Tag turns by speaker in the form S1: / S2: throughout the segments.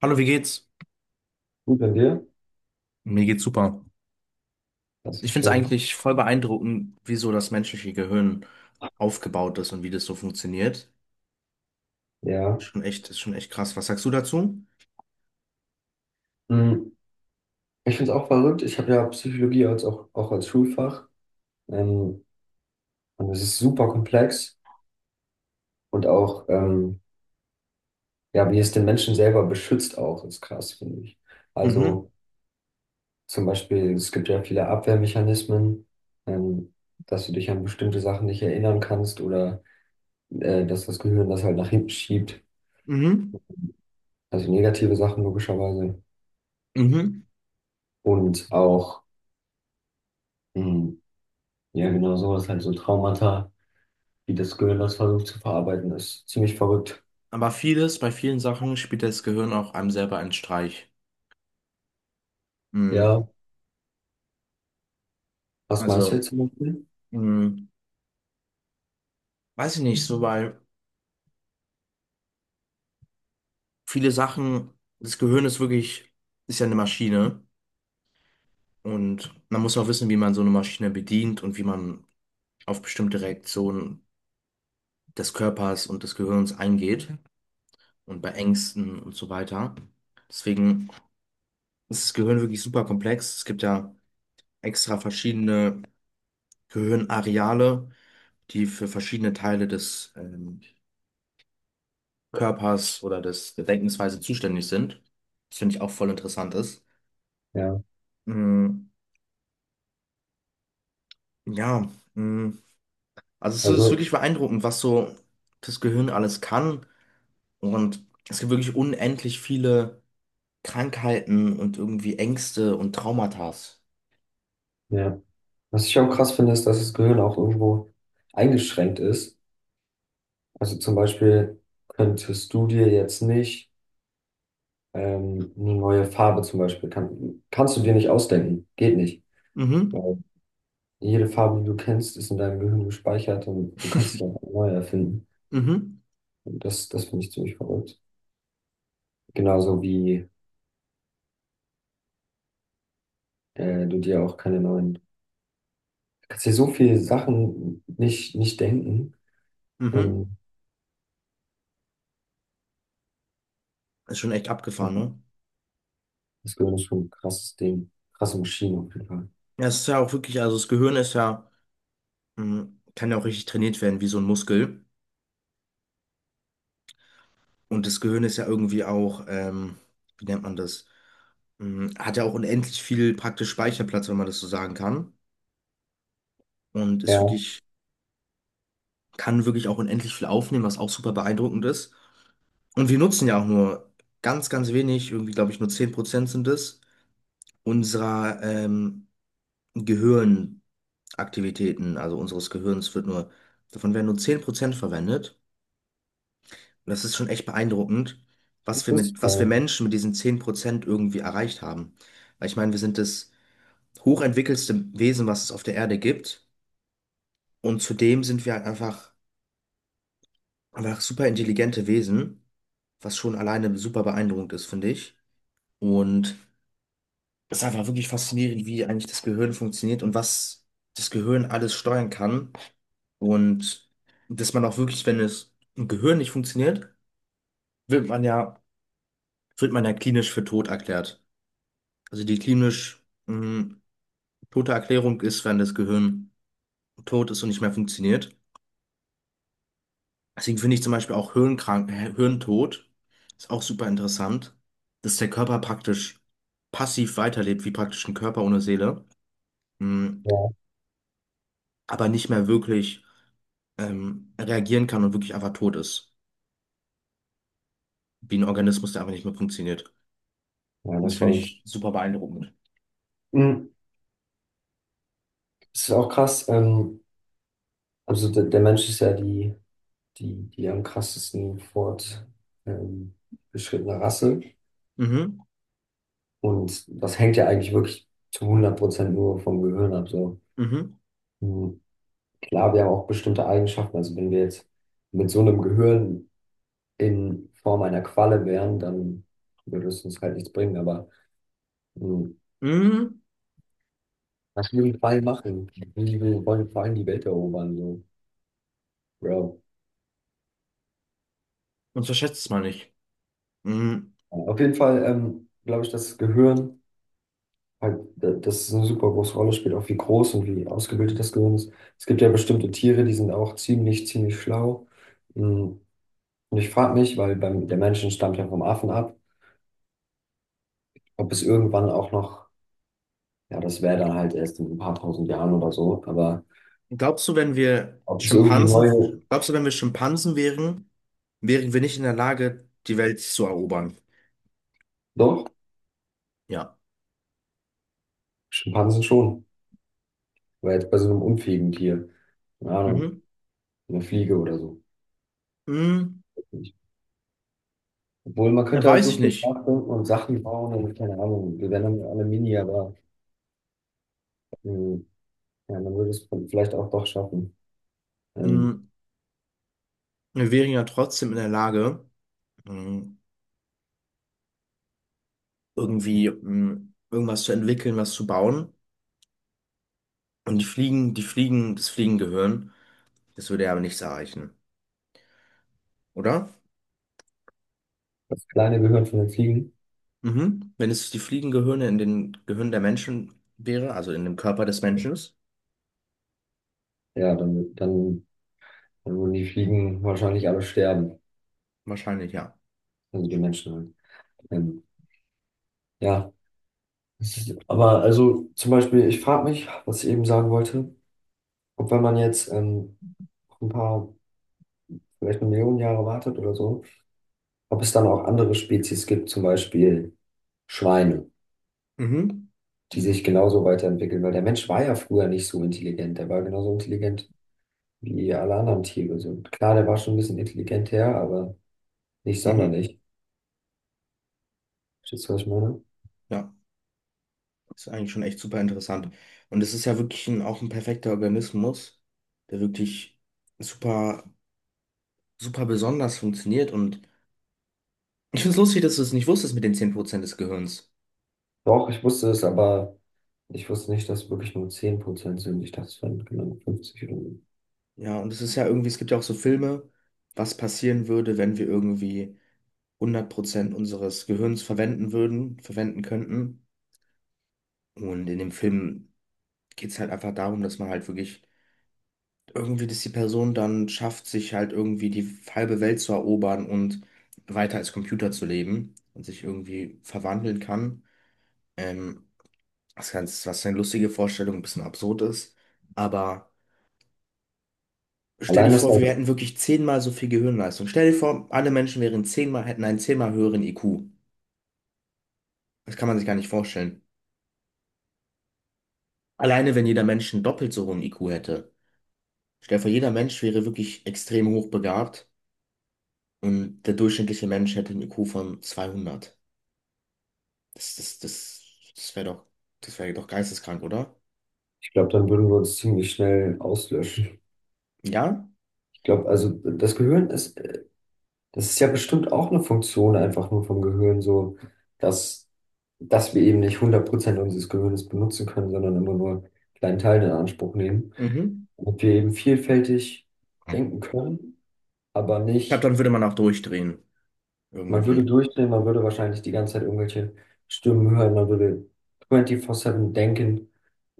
S1: Hallo, wie geht's?
S2: Gut an dir?
S1: Mir geht's super.
S2: Das
S1: Ich
S2: ist
S1: finde es
S2: schön.
S1: eigentlich voll beeindruckend, wie so das menschliche Gehirn aufgebaut ist und wie das so funktioniert.
S2: Ja.
S1: Ist schon echt krass. Was sagst du dazu?
S2: Hm, Ich finde es auch verrückt. Ich habe ja Psychologie als auch als Schulfach. Ähm, und es ist super komplex. Und auch, ja, wie es den Menschen selber beschützt auch, ist krass, finde ich.
S1: Mhm,
S2: Also zum Beispiel, es gibt ja viele Abwehrmechanismen, ähm, dass du dich an bestimmte Sachen nicht erinnern kannst oder dass das Gehirn das halt nach hinten schiebt.
S1: mhm,
S2: Also negative Sachen logischerweise.
S1: mhm.
S2: Und auch, hm, ja, genau so, das ist halt so Traumata, wie das Gehirn das versucht zu verarbeiten, ist ziemlich verrückt.
S1: Aber vieles, bei vielen Sachen spielt das Gehirn auch einem selber einen Streich. Mhm.
S2: Ja, was meinst du jetzt
S1: Also,
S2: zum Beispiel?
S1: mhm. Weiß ich nicht, so weil viele Sachen, das Gehirn ist wirklich, ist ja eine Maschine und man muss auch wissen, wie man so eine Maschine bedient und wie man auf bestimmte Reaktionen des Körpers und des Gehirns eingeht und bei Ängsten und so weiter. Deswegen ist das Gehirn wirklich super komplex. Es gibt ja extra verschiedene Gehirnareale, die für verschiedene Teile des Körpers oder der Denkensweise zuständig sind. Das finde ich auch voll interessant ist.
S2: Ja,
S1: Mm, ja, mm, also es ist
S2: also,
S1: wirklich beeindruckend, was so das Gehirn alles kann. Und es gibt wirklich unendlich viele Krankheiten und irgendwie Ängste und Traumatas.
S2: ja. Was ich auch krass finde, ist, dass das Gehirn auch irgendwo eingeschränkt ist. Also zum Beispiel könntest du dir jetzt nicht eine neue Farbe zum Beispiel, kannst du dir nicht ausdenken. Geht nicht.
S1: Mhm.
S2: Weil jede Farbe, die du kennst, ist in deinem Gehirn gespeichert und du kannst dich einfach neu erfinden.
S1: Mhm.
S2: Und das, das finde ich ziemlich verrückt. Genauso wie du dir auch keine neuen kannst dir so viele Sachen nicht denken. Ähm,
S1: Mhm. Ist schon echt abgefahren, ne?
S2: Das Gehirn ist schon ein krasses Ding. Krasse Maschine auf jeden Fall.
S1: Ja, es ist ja auch wirklich, also das Gehirn ist ja, mhm, kann ja auch richtig trainiert werden, wie so ein Muskel. Und das Gehirn ist ja irgendwie auch, wie nennt man das? Mhm, hat ja auch unendlich viel praktisch Speicherplatz, wenn man das so sagen kann. Und ist
S2: Ja,
S1: wirklich, kann wirklich auch unendlich viel aufnehmen, was auch super beeindruckend ist. Und wir nutzen ja auch nur ganz, ganz wenig, irgendwie, glaube ich, nur 10% sind es, unserer, Gehirnaktivitäten, also unseres Gehirns wird nur, davon werden nur 10% verwendet. Und das ist schon echt beeindruckend,
S2: das wusste ich
S1: was wir
S2: gar nicht.
S1: Menschen mit diesen 10% irgendwie erreicht haben. Weil ich meine, wir sind das hochentwickelste Wesen, was es auf der Erde gibt. Und zudem sind wir halt einfach super intelligente Wesen, was schon alleine super beeindruckend ist, finde ich. Und das ist einfach wirklich faszinierend, wie eigentlich das Gehirn funktioniert und was das Gehirn alles steuern kann. Und dass man auch wirklich, wenn es im Gehirn nicht funktioniert, wird man ja, wird man ja klinisch für tot erklärt. Also die klinisch tote Erklärung ist, wenn das Gehirn tot ist und nicht mehr funktioniert. Deswegen finde ich zum Beispiel auch Hirntod ist auch super interessant, dass der Körper praktisch passiv weiterlebt, wie praktisch ein Körper ohne Seele, mh,
S2: Ja,
S1: aber nicht mehr wirklich reagieren kann und wirklich einfach tot ist. Wie ein Organismus, der einfach nicht mehr funktioniert.
S2: ja,
S1: Und das
S2: was
S1: finde
S2: verrückt.
S1: ich super beeindruckend.
S2: Mhm. Es ist auch krass. Also der Mensch ist ja die am krassesten fort ähm, beschrittene Rasse.
S1: Mhm,
S2: Und das hängt ja eigentlich wirklich zu 100% nur vom Gehirn ab. So.
S1: mhm,
S2: Mhm. Klar, wir haben auch bestimmte Eigenschaften. Also wenn wir jetzt mit so einem Gehirn in Form einer Qualle wären, dann würde es uns halt nichts bringen. Aber mh,
S1: mhm.
S2: was will die Quallen machen? Die wollen vor die Welt erobern, so, Bro.
S1: Und verschätzt es mal nicht. Mhm.
S2: Auf jeden Fall glaube ich, das Gehirn, halt, das ist eine super große Rolle spielt, auch wie groß und wie ausgebildet das Gehirn ist. Es gibt ja bestimmte Tiere, die sind auch ziemlich, ziemlich schlau. Mh, Und ich frage mich, weil beim, der Menschen stammt ja vom Affen ab, ob es irgendwann auch noch, ja, das wäre dann halt erst in ein paar tausend Jahren oder so, aber
S1: Glaubst du, wenn wir
S2: ob es irgendwie
S1: Schimpansen,
S2: neue,
S1: Glaubst du, wenn wir Schimpansen wären, wären wir nicht in der Lage, die Welt zu erobern?
S2: doch,
S1: Ja.
S2: Schimpansen schon. Weil jetzt bei so einem unfähigen Tier. Keine Ahnung,
S1: Mhm.
S2: eine Fliege oder so.
S1: Mhm.
S2: Obwohl, man könnte halt
S1: Weiß
S2: so
S1: ich
S2: viel
S1: nicht.
S2: nachdenken und Sachen bauen und keine Ahnung, wir wären dann alle Mini, aber ähm, ja, man würde es vielleicht auch doch schaffen. Ähm,
S1: Mhm. Wir wären ja trotzdem in der Lage, mhm, irgendwie irgendwas zu entwickeln, was zu bauen. Und das Fliegengehirn. Das würde ja aber nichts erreichen, oder?
S2: Das kleine Gehirn von den Fliegen,
S1: Mhm. Wenn es die Fliegengehirne in den Gehirn der Menschen wäre, also in dem Körper des Menschen,
S2: ja, dann würden die Fliegen wahrscheinlich alle sterben,
S1: wahrscheinlich ja.
S2: also die Menschen halt. Ähm, ja, aber also zum Beispiel, ich frage mich, was ich eben sagen wollte, ob wenn man jetzt ein paar, vielleicht eine Million Jahre wartet oder so, ob es dann auch andere Spezies gibt, zum Beispiel Schweine,
S1: Mhm.
S2: die sich genauso weiterentwickeln, weil der Mensch war ja früher nicht so intelligent, der war genauso intelligent wie alle anderen Tiere. So, klar, der war schon ein bisschen intelligenter, aber nicht
S1: Mhm.
S2: sonderlich. Verstehst du, was ich meine?
S1: Ja, ist eigentlich schon echt super interessant. Und es ist ja wirklich auch ein perfekter Organismus, der wirklich super, super besonders funktioniert. Und ich finde es lustig, dass du es nicht wusstest mit den 10% des Gehirns.
S2: Doch, ich wusste es, aber ich wusste nicht, dass es wirklich nur 10% sind. Ich dachte, es wären genau 50 oder so.
S1: Ja, und es ist ja irgendwie, es gibt ja auch so Filme, was passieren würde, wenn wir irgendwie 100% unseres Gehirns verwenden würden, verwenden könnten. Und in dem Film geht es halt einfach darum, dass man halt wirklich irgendwie, dass die Person dann schafft, sich halt irgendwie die halbe Welt zu erobern und weiter als Computer zu leben und sich irgendwie verwandeln kann. Ähm, Das Ganze, was eine lustige Vorstellung, ein bisschen absurd ist. Aber stell dir
S2: Allein das,
S1: vor, wir hätten wirklich zehnmal so viel Gehirnleistung. Stell dir vor, alle Menschen wären zehnmal, hätten einen zehnmal höheren IQ. Das kann man sich gar nicht vorstellen. Alleine wenn jeder Mensch einen doppelt so hohen IQ hätte. Stell dir vor, jeder Mensch wäre wirklich extrem hochbegabt und der durchschnittliche Mensch hätte einen IQ von 200. Das, das, das, das wäre doch, das wäre doch geisteskrank, oder?
S2: ich glaube, dann würden wir uns ziemlich schnell auslöschen.
S1: Ja?
S2: Ich glaube, also das ist ja bestimmt auch eine Funktion einfach nur vom Gehirn, so dass, dass wir eben nicht 100% unseres Gehirns benutzen können, sondern immer nur einen kleinen Teil in Anspruch nehmen.
S1: Mhm.
S2: Und wir eben vielfältig
S1: Ich
S2: denken können, aber
S1: glaube,
S2: nicht,
S1: dann würde man auch durchdrehen.
S2: man würde
S1: Irgendwie.
S2: durchdrehen, man würde wahrscheinlich die ganze Zeit irgendwelche Stimmen hören, man würde 24/7 denken.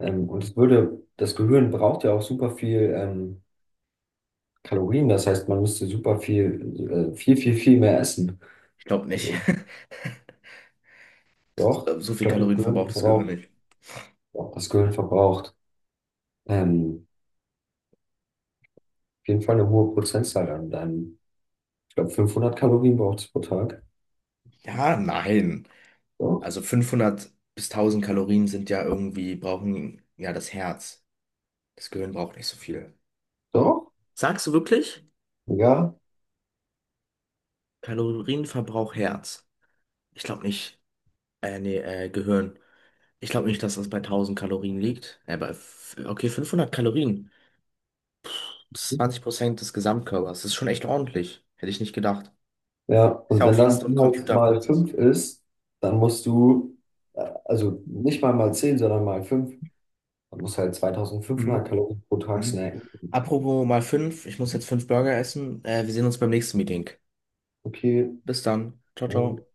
S2: Und es würde, das Gehirn braucht ja auch super viel Kalorien, das heißt, man müsste super viel, viel, viel, viel mehr essen.
S1: Ich glaube nicht.
S2: Also doch,
S1: So
S2: ich
S1: viel
S2: glaube, das
S1: Kalorien
S2: Gehirn
S1: verbraucht das Gehirn
S2: verbraucht,
S1: nicht.
S2: doch, das Gehirn verbraucht ähm, auf jeden Fall eine hohe Prozentzahl an deinem. Ich glaube, 500 Kalorien braucht es pro Tag.
S1: Ja, nein.
S2: Doch,
S1: Also 500 bis 1000 Kalorien sind ja irgendwie, brauchen ja das Herz. Das Gehirn braucht nicht so viel.
S2: doch,
S1: Sagst du wirklich?
S2: ja.
S1: Kalorienverbrauch Herz. Ich glaube nicht. Nee, Gehirn. Ich glaube nicht, dass das bei 1000 Kalorien liegt. Okay, 500 Kalorien. Das ist 20% des Gesamtkörpers. Das ist schon echt ordentlich. Hätte ich nicht gedacht.
S2: Ja,
S1: Ist
S2: und
S1: ja
S2: wenn
S1: auch wie
S2: das
S1: so ein
S2: dann halt mal
S1: Computerprozess.
S2: 5 ist, dann musst du, also nicht mal mal 10 sondern mal 5 dann musst du halt 2500
S1: Mhm.
S2: Kalorien pro Tag
S1: Mhm.
S2: snacken.
S1: Apropos mal 5. Ich muss jetzt 5 Burger essen. Wir sehen uns beim nächsten Meeting.
S2: Okay,
S1: Bis dann. Ciao,
S2: äh,
S1: ciao.